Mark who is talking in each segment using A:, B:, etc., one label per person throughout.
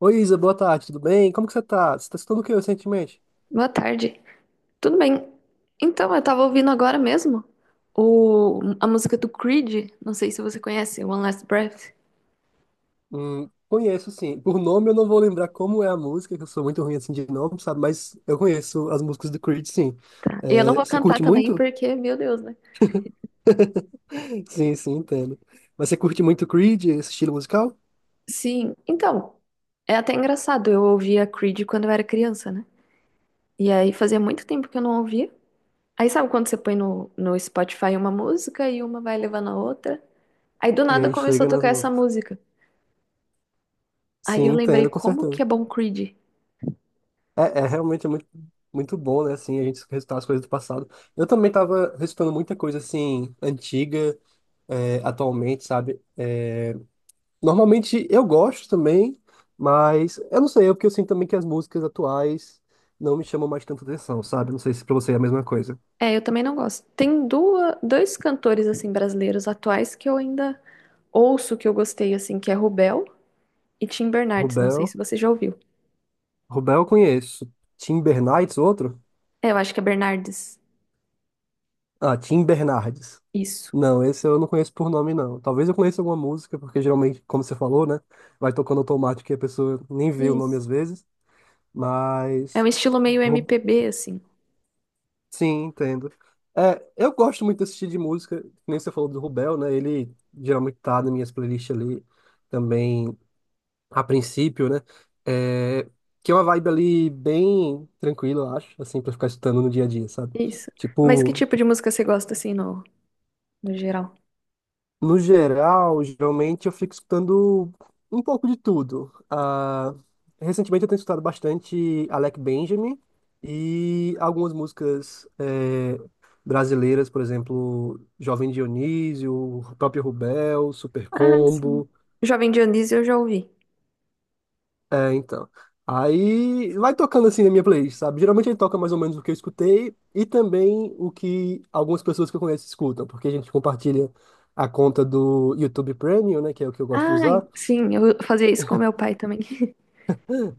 A: Oi, Isa, boa tarde, tudo bem? Como que você tá? Você tá escutando o que recentemente?
B: Boa tarde. Tudo bem? Então, eu tava ouvindo agora mesmo a música do Creed. Não sei se você conhece, One Last Breath.
A: Conheço, sim. Por nome eu não vou lembrar como é a música, que eu sou muito ruim assim de nome, sabe? Mas eu conheço as músicas do Creed, sim.
B: Tá. E eu não
A: É,
B: vou
A: você
B: cantar
A: curte
B: também
A: muito?
B: porque, meu Deus, né?
A: Sim, sim, entendo. Mas você curte muito Creed, esse estilo musical?
B: Sim, então, é até engraçado. Eu ouvia Creed quando eu era criança, né? E aí fazia muito tempo que eu não ouvia. Aí sabe quando você põe no Spotify uma música e uma vai levando a outra? Aí do
A: E
B: nada
A: aí
B: começou
A: chega
B: a
A: nas
B: tocar essa
A: músicas.
B: música. Aí
A: Sim,
B: eu lembrei
A: entendo, com
B: como
A: certeza.
B: que é bom Creed.
A: É, é realmente muito, muito bom, né? Assim, a gente recitar as coisas do passado. Eu também tava recitando muita coisa, assim, antiga, é, atualmente, sabe? Normalmente eu gosto também, mas eu não sei, é porque eu sinto também que as músicas atuais não me chamam mais tanta atenção, sabe? Não sei se pra você é a mesma coisa.
B: É, eu também não gosto. Tem duas, dois cantores assim brasileiros atuais que eu ainda ouço que eu gostei assim, que é Rubel e Tim Bernardes. Não sei
A: Rubel,
B: se você já ouviu.
A: Rubel eu conheço. Tim Bernardes, outro?
B: É, eu acho que é Bernardes.
A: Ah, Tim Bernardes.
B: Isso.
A: Não, esse eu não conheço por nome, não. Talvez eu conheça alguma música, porque geralmente, como você falou, né? Vai tocando automático e a pessoa nem vê o nome
B: Isso.
A: às vezes.
B: É
A: Mas,
B: um estilo meio
A: Ru-
B: MPB assim.
A: sim, entendo. É, eu gosto muito desse estilo de música, que nem você falou do Rubel, né? Ele geralmente tá nas minhas playlists ali também, a princípio, né? É, que é uma vibe ali bem tranquila, eu acho, assim, pra ficar escutando no dia a dia, sabe?
B: Isso. Mas que
A: Tipo,
B: tipo de música você gosta assim no geral?
A: no geral, geralmente eu fico escutando um pouco de tudo. Ah, recentemente eu tenho escutado bastante Alec Benjamin e algumas músicas brasileiras, por exemplo, Jovem Dionísio, o próprio Rubel, Super
B: Ah, sim.
A: Combo.
B: Jovem Dionísio eu já ouvi.
A: É, então. Aí vai tocando assim na minha playlist, sabe? Geralmente ele toca mais ou menos o que eu escutei e também o que algumas pessoas que eu conheço escutam, porque a gente compartilha a conta do YouTube Premium, né, que é o que eu gosto de
B: Ah,
A: usar.
B: sim, eu fazia isso com meu pai também.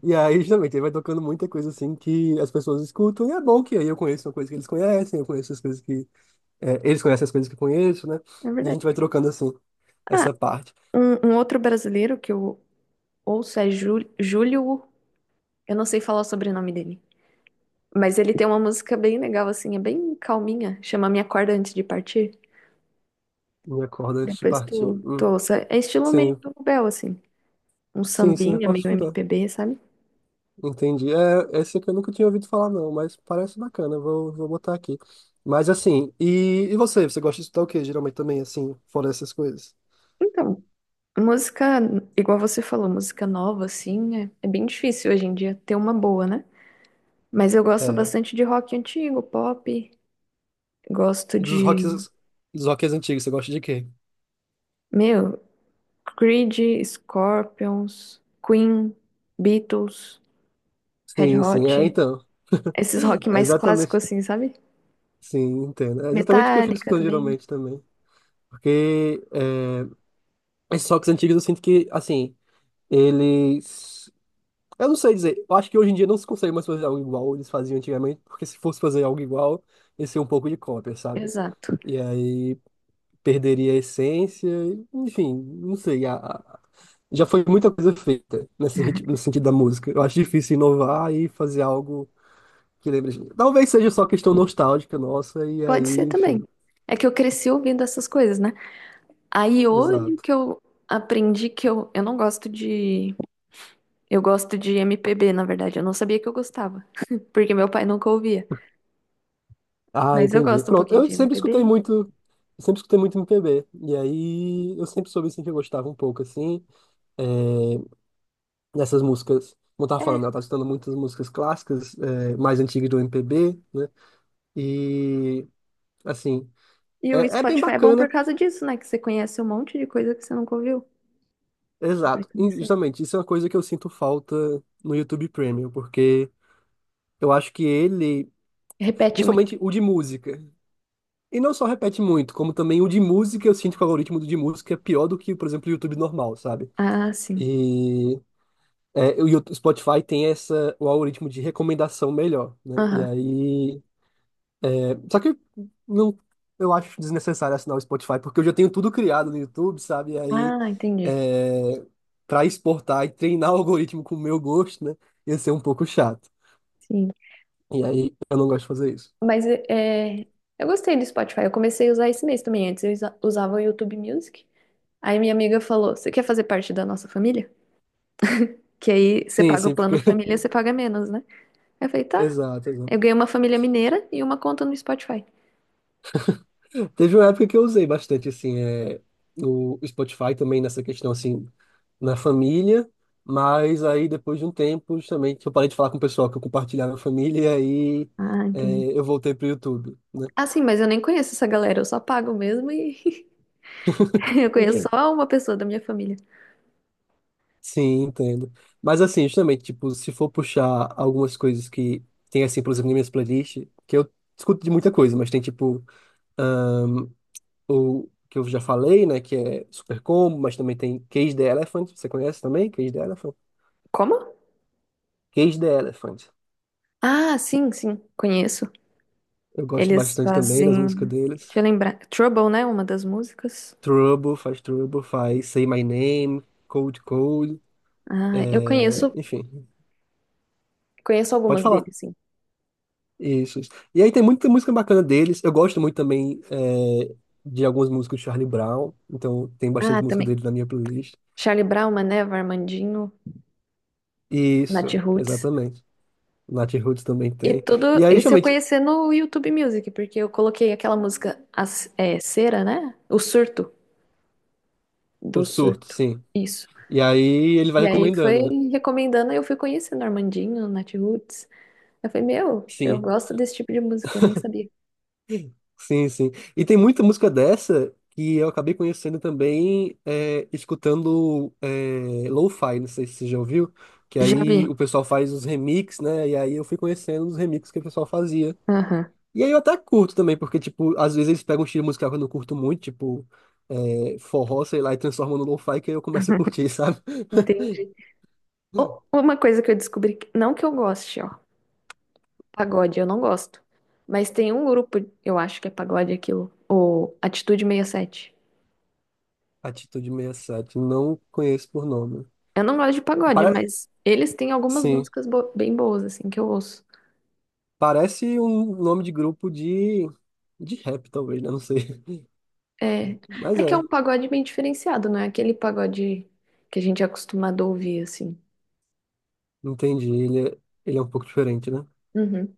A: E aí, justamente, ele vai tocando muita coisa assim que as pessoas escutam, e é bom que aí eu conheço uma coisa que eles conhecem, eu conheço as coisas que, é, eles conhecem as coisas que eu conheço, né?
B: É
A: E a gente
B: verdade.
A: vai trocando assim,
B: Ah,
A: essa parte.
B: um outro brasileiro que eu ouço é Júlio, eu não sei falar o sobrenome dele. Mas ele tem uma música bem legal, assim, é bem calminha. Chama Minha Corda Antes de Partir.
A: Minha corda antes de
B: Depois
A: partir.
B: tu ouça. É estilo meio
A: Sim,
B: do Bel, assim. Um
A: sim, sim, eu
B: sambinha,
A: posso
B: meio
A: escutar.
B: MPB, sabe?
A: Entendi. É, esse aqui eu nunca tinha ouvido falar, não, mas parece bacana, vou botar aqui. Mas assim, e você? Você gosta de escutar o quê, geralmente também, assim, fora essas coisas?
B: Então, música, igual você falou, música nova, assim, é bem difícil hoje em dia ter uma boa, né? Mas eu gosto
A: É,
B: bastante de rock antigo, pop. Gosto
A: dos
B: de,
A: rocks, dos rocks antigos, você gosta de quê?
B: meu, Creed, Scorpions, Queen, Beatles, Red
A: Sim, sim,
B: Hot.
A: é, então.
B: Esses rock
A: É
B: mais
A: exatamente.
B: clássicos, assim, sabe?
A: Sim, entendo. É exatamente o que eu fico
B: Metallica
A: escutando
B: também.
A: geralmente também. Porque é, esses rocks antigos eu sinto que, assim, eles. Eu não sei dizer. Eu acho que hoje em dia não se consegue mais fazer algo igual eles faziam antigamente, porque se fosse fazer algo igual, ia ser um pouco de cópia, sabe?
B: Exato.
A: E aí perderia a essência, e, enfim, não sei. Já foi muita coisa feita nesse ritmo, no sentido da música. Eu acho difícil inovar e fazer algo que lembre a gente. Talvez seja só questão nostálgica nossa, e
B: Pode
A: aí,
B: ser
A: enfim,
B: também. É que eu cresci ouvindo essas coisas, né? Aí hoje
A: exato.
B: que eu aprendi que eu não gosto de. Eu gosto de MPB, na verdade. Eu não sabia que eu gostava, porque meu pai nunca ouvia.
A: Ah,
B: Mas eu
A: entendi.
B: gosto um
A: Pronto,
B: pouquinho
A: eu
B: de
A: sempre escutei
B: MPB.
A: muito, eu sempre escutei muito MPB. E aí eu sempre soube assim que eu gostava um pouco assim dessas músicas. Como eu tava falando, ela
B: É.
A: tá escutando muitas músicas clássicas, mais antigas do MPB, né? E assim,
B: E o
A: é bem
B: Spotify é bom por
A: bacana,
B: causa disso, né? Que você conhece um monte de coisa que você nunca ouviu. Vai
A: exato. E,
B: conhecendo.
A: justamente, isso é uma coisa que eu sinto falta no YouTube Premium, porque eu acho que ele,
B: Repete muito.
A: principalmente o de música, e não só repete muito, como também o de música, eu sinto que o algoritmo do de música é pior do que, por exemplo, o YouTube normal, sabe?
B: Ah, sim.
A: E É, e o Spotify tem essa, o algoritmo de recomendação melhor, né? E
B: Aham.
A: aí, é, só que não, eu acho desnecessário assinar o Spotify, porque eu já tenho tudo criado no YouTube, sabe? E aí,
B: Ah, entendi.
A: é, para exportar e treinar o algoritmo com o meu gosto, né? Ia ser um pouco chato.
B: Sim.
A: E aí, eu não gosto de fazer isso.
B: Mas é, eu gostei do Spotify. Eu comecei a usar esse mês também. Antes eu usava o YouTube Music. Aí minha amiga falou: Você quer fazer parte da nossa família? Que aí você
A: Sim,
B: paga o
A: sim, porque.
B: plano família, você paga menos, né? Aí eu falei: Tá.
A: Exato, exato.
B: Eu ganhei uma família mineira e uma conta no Spotify.
A: Teve uma época que eu usei bastante, assim, é, o Spotify também nessa questão, assim, na família, mas aí depois de um tempo, justamente, eu parei de falar com o pessoal que eu compartilhava na família, e aí
B: Ah, entendi.
A: é, eu voltei pro YouTube, né?
B: Ah, sim, mas eu nem conheço essa galera, eu só pago mesmo e eu conheço
A: Ok.
B: só uma pessoa da minha família.
A: Sim, entendo. Mas assim, justamente, tipo, se for puxar algumas coisas que tem, assim, por exemplo, nas minhas playlists, que eu escuto de muita coisa, mas tem, tipo, ah, o que eu já falei, né, que é Super Combo, mas também tem Cage the Elephant, você conhece também? Cage the Elephant?
B: Como?
A: Cage the Elephant.
B: Ah, sim, sim, conheço.
A: Eu gosto
B: Eles
A: bastante também das músicas
B: fazem.
A: deles.
B: Deixa eu lembrar. Trouble, né? Uma das músicas.
A: Trouble, faz Say My Name, Cold Cold,
B: Ah, eu conheço,
A: enfim,
B: conheço
A: pode
B: algumas
A: falar.
B: deles, sim.
A: Isso, isso. E aí tem muita música bacana deles. Eu gosto muito também de algumas músicas do Charlie Brown, então tem bastante
B: Ah,
A: música
B: também.
A: deles na minha playlist.
B: Charlie Brown, Mané, Armandinho, Nath
A: Isso,
B: Roots.
A: exatamente. Nat Roots também
B: E
A: tem. E
B: tudo,
A: aí,
B: esse eu
A: justamente,
B: conheci no YouTube Music, porque eu coloquei aquela música é, Cera, né? O Surto, do
A: o surto,
B: Surto.
A: sim.
B: Isso.
A: E aí ele vai
B: E aí foi
A: recomendando, né?
B: recomendando, eu fui conhecendo Armandinho, Natiruts. Eu falei, meu, eu
A: Sim.
B: gosto desse tipo de música, eu nem sabia.
A: Sim, sim. E tem muita música dessa que eu acabei conhecendo também é, escutando é, lo-fi, não sei se você já ouviu, que
B: Já
A: aí
B: vi.
A: o pessoal faz os remix, né? E aí eu fui conhecendo os remixes que o pessoal fazia.
B: Aham.
A: E aí eu até curto também, porque, tipo, às vezes eles pegam um estilo musical que eu não curto muito, tipo, é, forró, sei lá, e transformam no lo-fi, que aí eu começo a curtir, sabe?
B: Entendi. Ô, uma coisa que eu descobri, não que eu goste, ó, pagode, eu não gosto. Mas tem um grupo, eu acho que é pagode aquilo, o Atitude 67.
A: Atitude 67 não conheço por nome.
B: Eu não gosto de pagode,
A: Para...
B: mas eles têm algumas
A: Sim,
B: músicas bem boas, assim, que eu ouço.
A: parece um nome de grupo de rap, talvez, né? Não sei.
B: É,
A: Mas
B: é que é
A: é,
B: um pagode bem diferenciado, não é aquele pagode que a gente é acostumado a ouvir, assim.
A: entendi. Ele é um pouco diferente, né?
B: Uhum.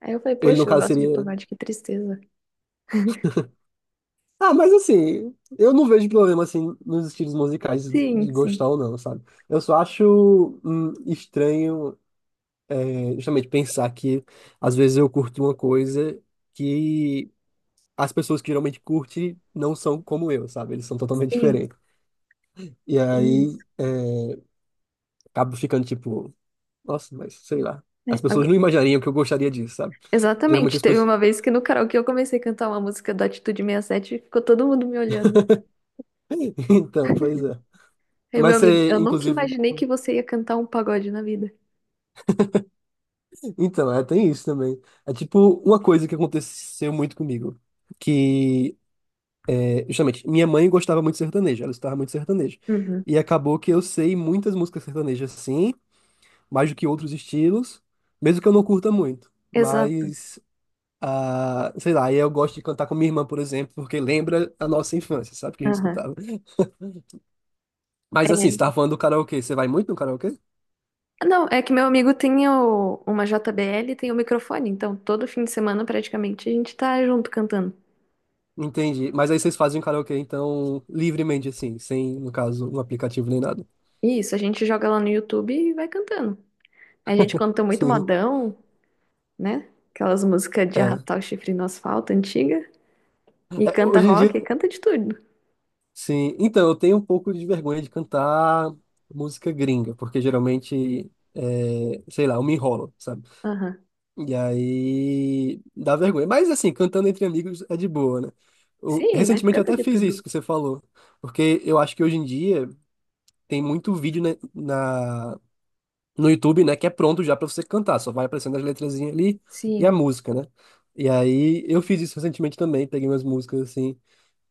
B: Aí eu falei,
A: Ele, no
B: poxa, eu
A: caso,
B: gosto de
A: seria.
B: pagode, que tristeza.
A: Ah, mas assim, eu não vejo problema assim nos estilos musicais
B: Sim,
A: de
B: sim,
A: gostar ou não, sabe? Eu só acho estranho, é, justamente, pensar que às vezes eu curto uma coisa que as pessoas que geralmente curtem não são como eu, sabe? Eles são totalmente
B: sim,
A: diferentes. E
B: tem isso.
A: aí é, acabo ficando tipo, nossa, mas sei lá. As
B: É,
A: pessoas não imaginariam que eu gostaria disso, sabe? Geralmente
B: exatamente,
A: as
B: teve
A: pessoas.
B: uma vez que no karaokê eu comecei a cantar uma música da Atitude 67 e sete e ficou todo mundo me olhando.
A: Então, pois é.
B: Aí, meu
A: Mas
B: amigo,
A: você,
B: eu nunca
A: inclusive.
B: imaginei que você ia cantar um pagode na vida.
A: Então, é, tem isso também. É tipo uma coisa que aconteceu muito comigo. Que, é, justamente, minha mãe gostava muito de sertanejo, ela escutava muito sertanejo.
B: Uhum.
A: E acabou que eu sei muitas músicas sertanejas, sim, mais do que outros estilos, mesmo que eu não curta muito.
B: Exato.
A: Mas, ah, sei lá, aí eu gosto de cantar com minha irmã, por exemplo, porque lembra a nossa infância, sabe? Que a gente escutava. Mas assim, você tava falando do karaokê, você vai muito no karaokê?
B: Não, é que meu amigo tem uma JBL e tem o microfone, então todo fim de semana praticamente a gente tá junto cantando.
A: Entendi. Mas aí vocês fazem karaokê, então, livremente, assim, sem, no caso, um aplicativo nem nada.
B: Isso, a gente joga lá no YouTube e vai cantando. A gente canta muito
A: Sim.
B: modão, né? Aquelas músicas de
A: É.
B: arrastar o chifre no asfalto antiga. E
A: É,
B: canta
A: hoje em dia,
B: rock, e canta de tudo.
A: sim. Então, eu tenho um pouco de vergonha de cantar música gringa, porque geralmente, é, sei lá, eu me enrolo, sabe?
B: Aham.
A: E aí dá vergonha. Mas, assim, cantando entre amigos é de boa, né? Eu-
B: Sim, nós
A: recentemente eu
B: canta
A: até
B: de
A: fiz isso
B: tudo.
A: que você falou, porque eu acho que hoje em dia tem muito vídeo, né, no YouTube, né, que é pronto já pra você cantar, só vai aparecendo as letrazinhas ali e a
B: Sim.
A: música, né? E aí eu fiz isso recentemente também, peguei umas músicas assim,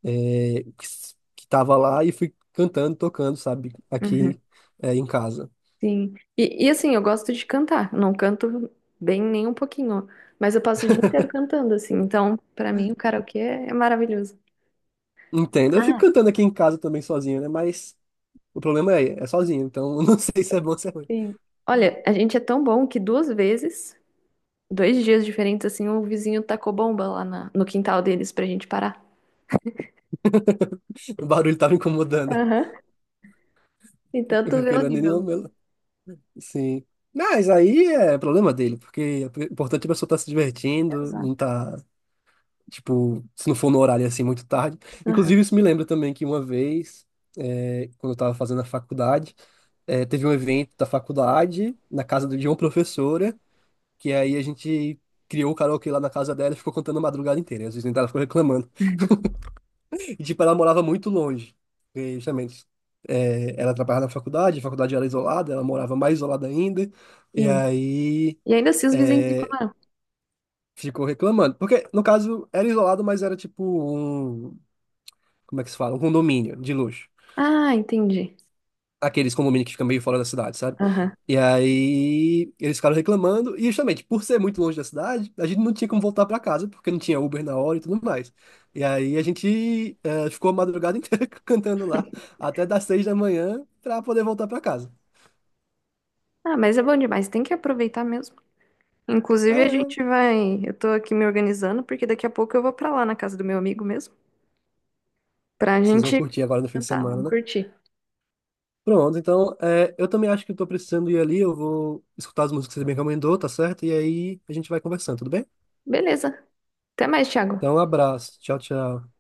A: é, que, que tava lá e fui cantando, tocando, sabe,
B: Uhum.
A: aqui é, em casa.
B: Sim. E assim, eu gosto de cantar. Eu não canto bem nem um pouquinho, mas eu passo o dia inteiro cantando, assim. Então, pra mim, o karaokê é maravilhoso.
A: Entendo. Eu fico cantando aqui em casa também sozinho, né? Mas o problema é sozinho, então eu não sei se é bom ou se é ruim.
B: Sim. Olha, a gente é tão bom que duas vezes, dois dias diferentes, assim, o vizinho tacou bomba lá no quintal deles pra gente parar.
A: O barulho tava incomodando,
B: Aham. Então tu vê
A: porque
B: o
A: não é nenhum
B: nível.
A: meu. Sim. Mas aí é problema dele, porque o importante é a pessoa estar se divertindo, não
B: Exato.
A: tá. Tipo, se não for no horário assim muito tarde.
B: Aham.
A: Inclusive, isso me lembra também que uma vez, é, quando eu tava fazendo a faculdade, é, teve um evento da faculdade na casa de uma professora, que aí a gente criou o karaokê lá na casa dela e ficou cantando a madrugada inteira. E às vezes ela ficou reclamando. E tipo, ela morava muito longe. E, justamente, é, ela trabalhava na faculdade, a faculdade era isolada, ela morava mais isolada ainda. E
B: Sim.
A: aí,
B: E ainda assim os vizinhos
A: é,
B: reclamaram.
A: ficou reclamando. Porque, no caso, era isolado, mas era tipo um, como é que se fala? Um condomínio de luxo.
B: Ah, entendi.
A: Aqueles condomínios que ficam meio fora da cidade, sabe?
B: Aham.
A: E aí eles ficaram reclamando, e justamente por ser muito longe da cidade, a gente não tinha como voltar pra casa, porque não tinha Uber na hora e tudo mais. E aí a gente ficou a madrugada inteira cantando lá, até das 6 da manhã, pra poder voltar pra casa.
B: Ah, mas é bom demais, tem que aproveitar mesmo.
A: Ah,
B: Inclusive a gente
A: é.
B: vai, eu tô aqui me organizando porque daqui a pouco eu vou pra lá na casa do meu amigo mesmo, pra
A: Vocês vão
B: gente
A: curtir agora no fim de
B: cantar,
A: semana,
B: vamos
A: né?
B: curtir.
A: Pronto, então eu também acho que eu tô precisando ir ali, eu vou escutar as músicas que você me recomendou, tá certo? E aí a gente vai conversando, tudo bem?
B: Beleza. Até mais, Thiago.
A: Então, um abraço. Tchau, tchau.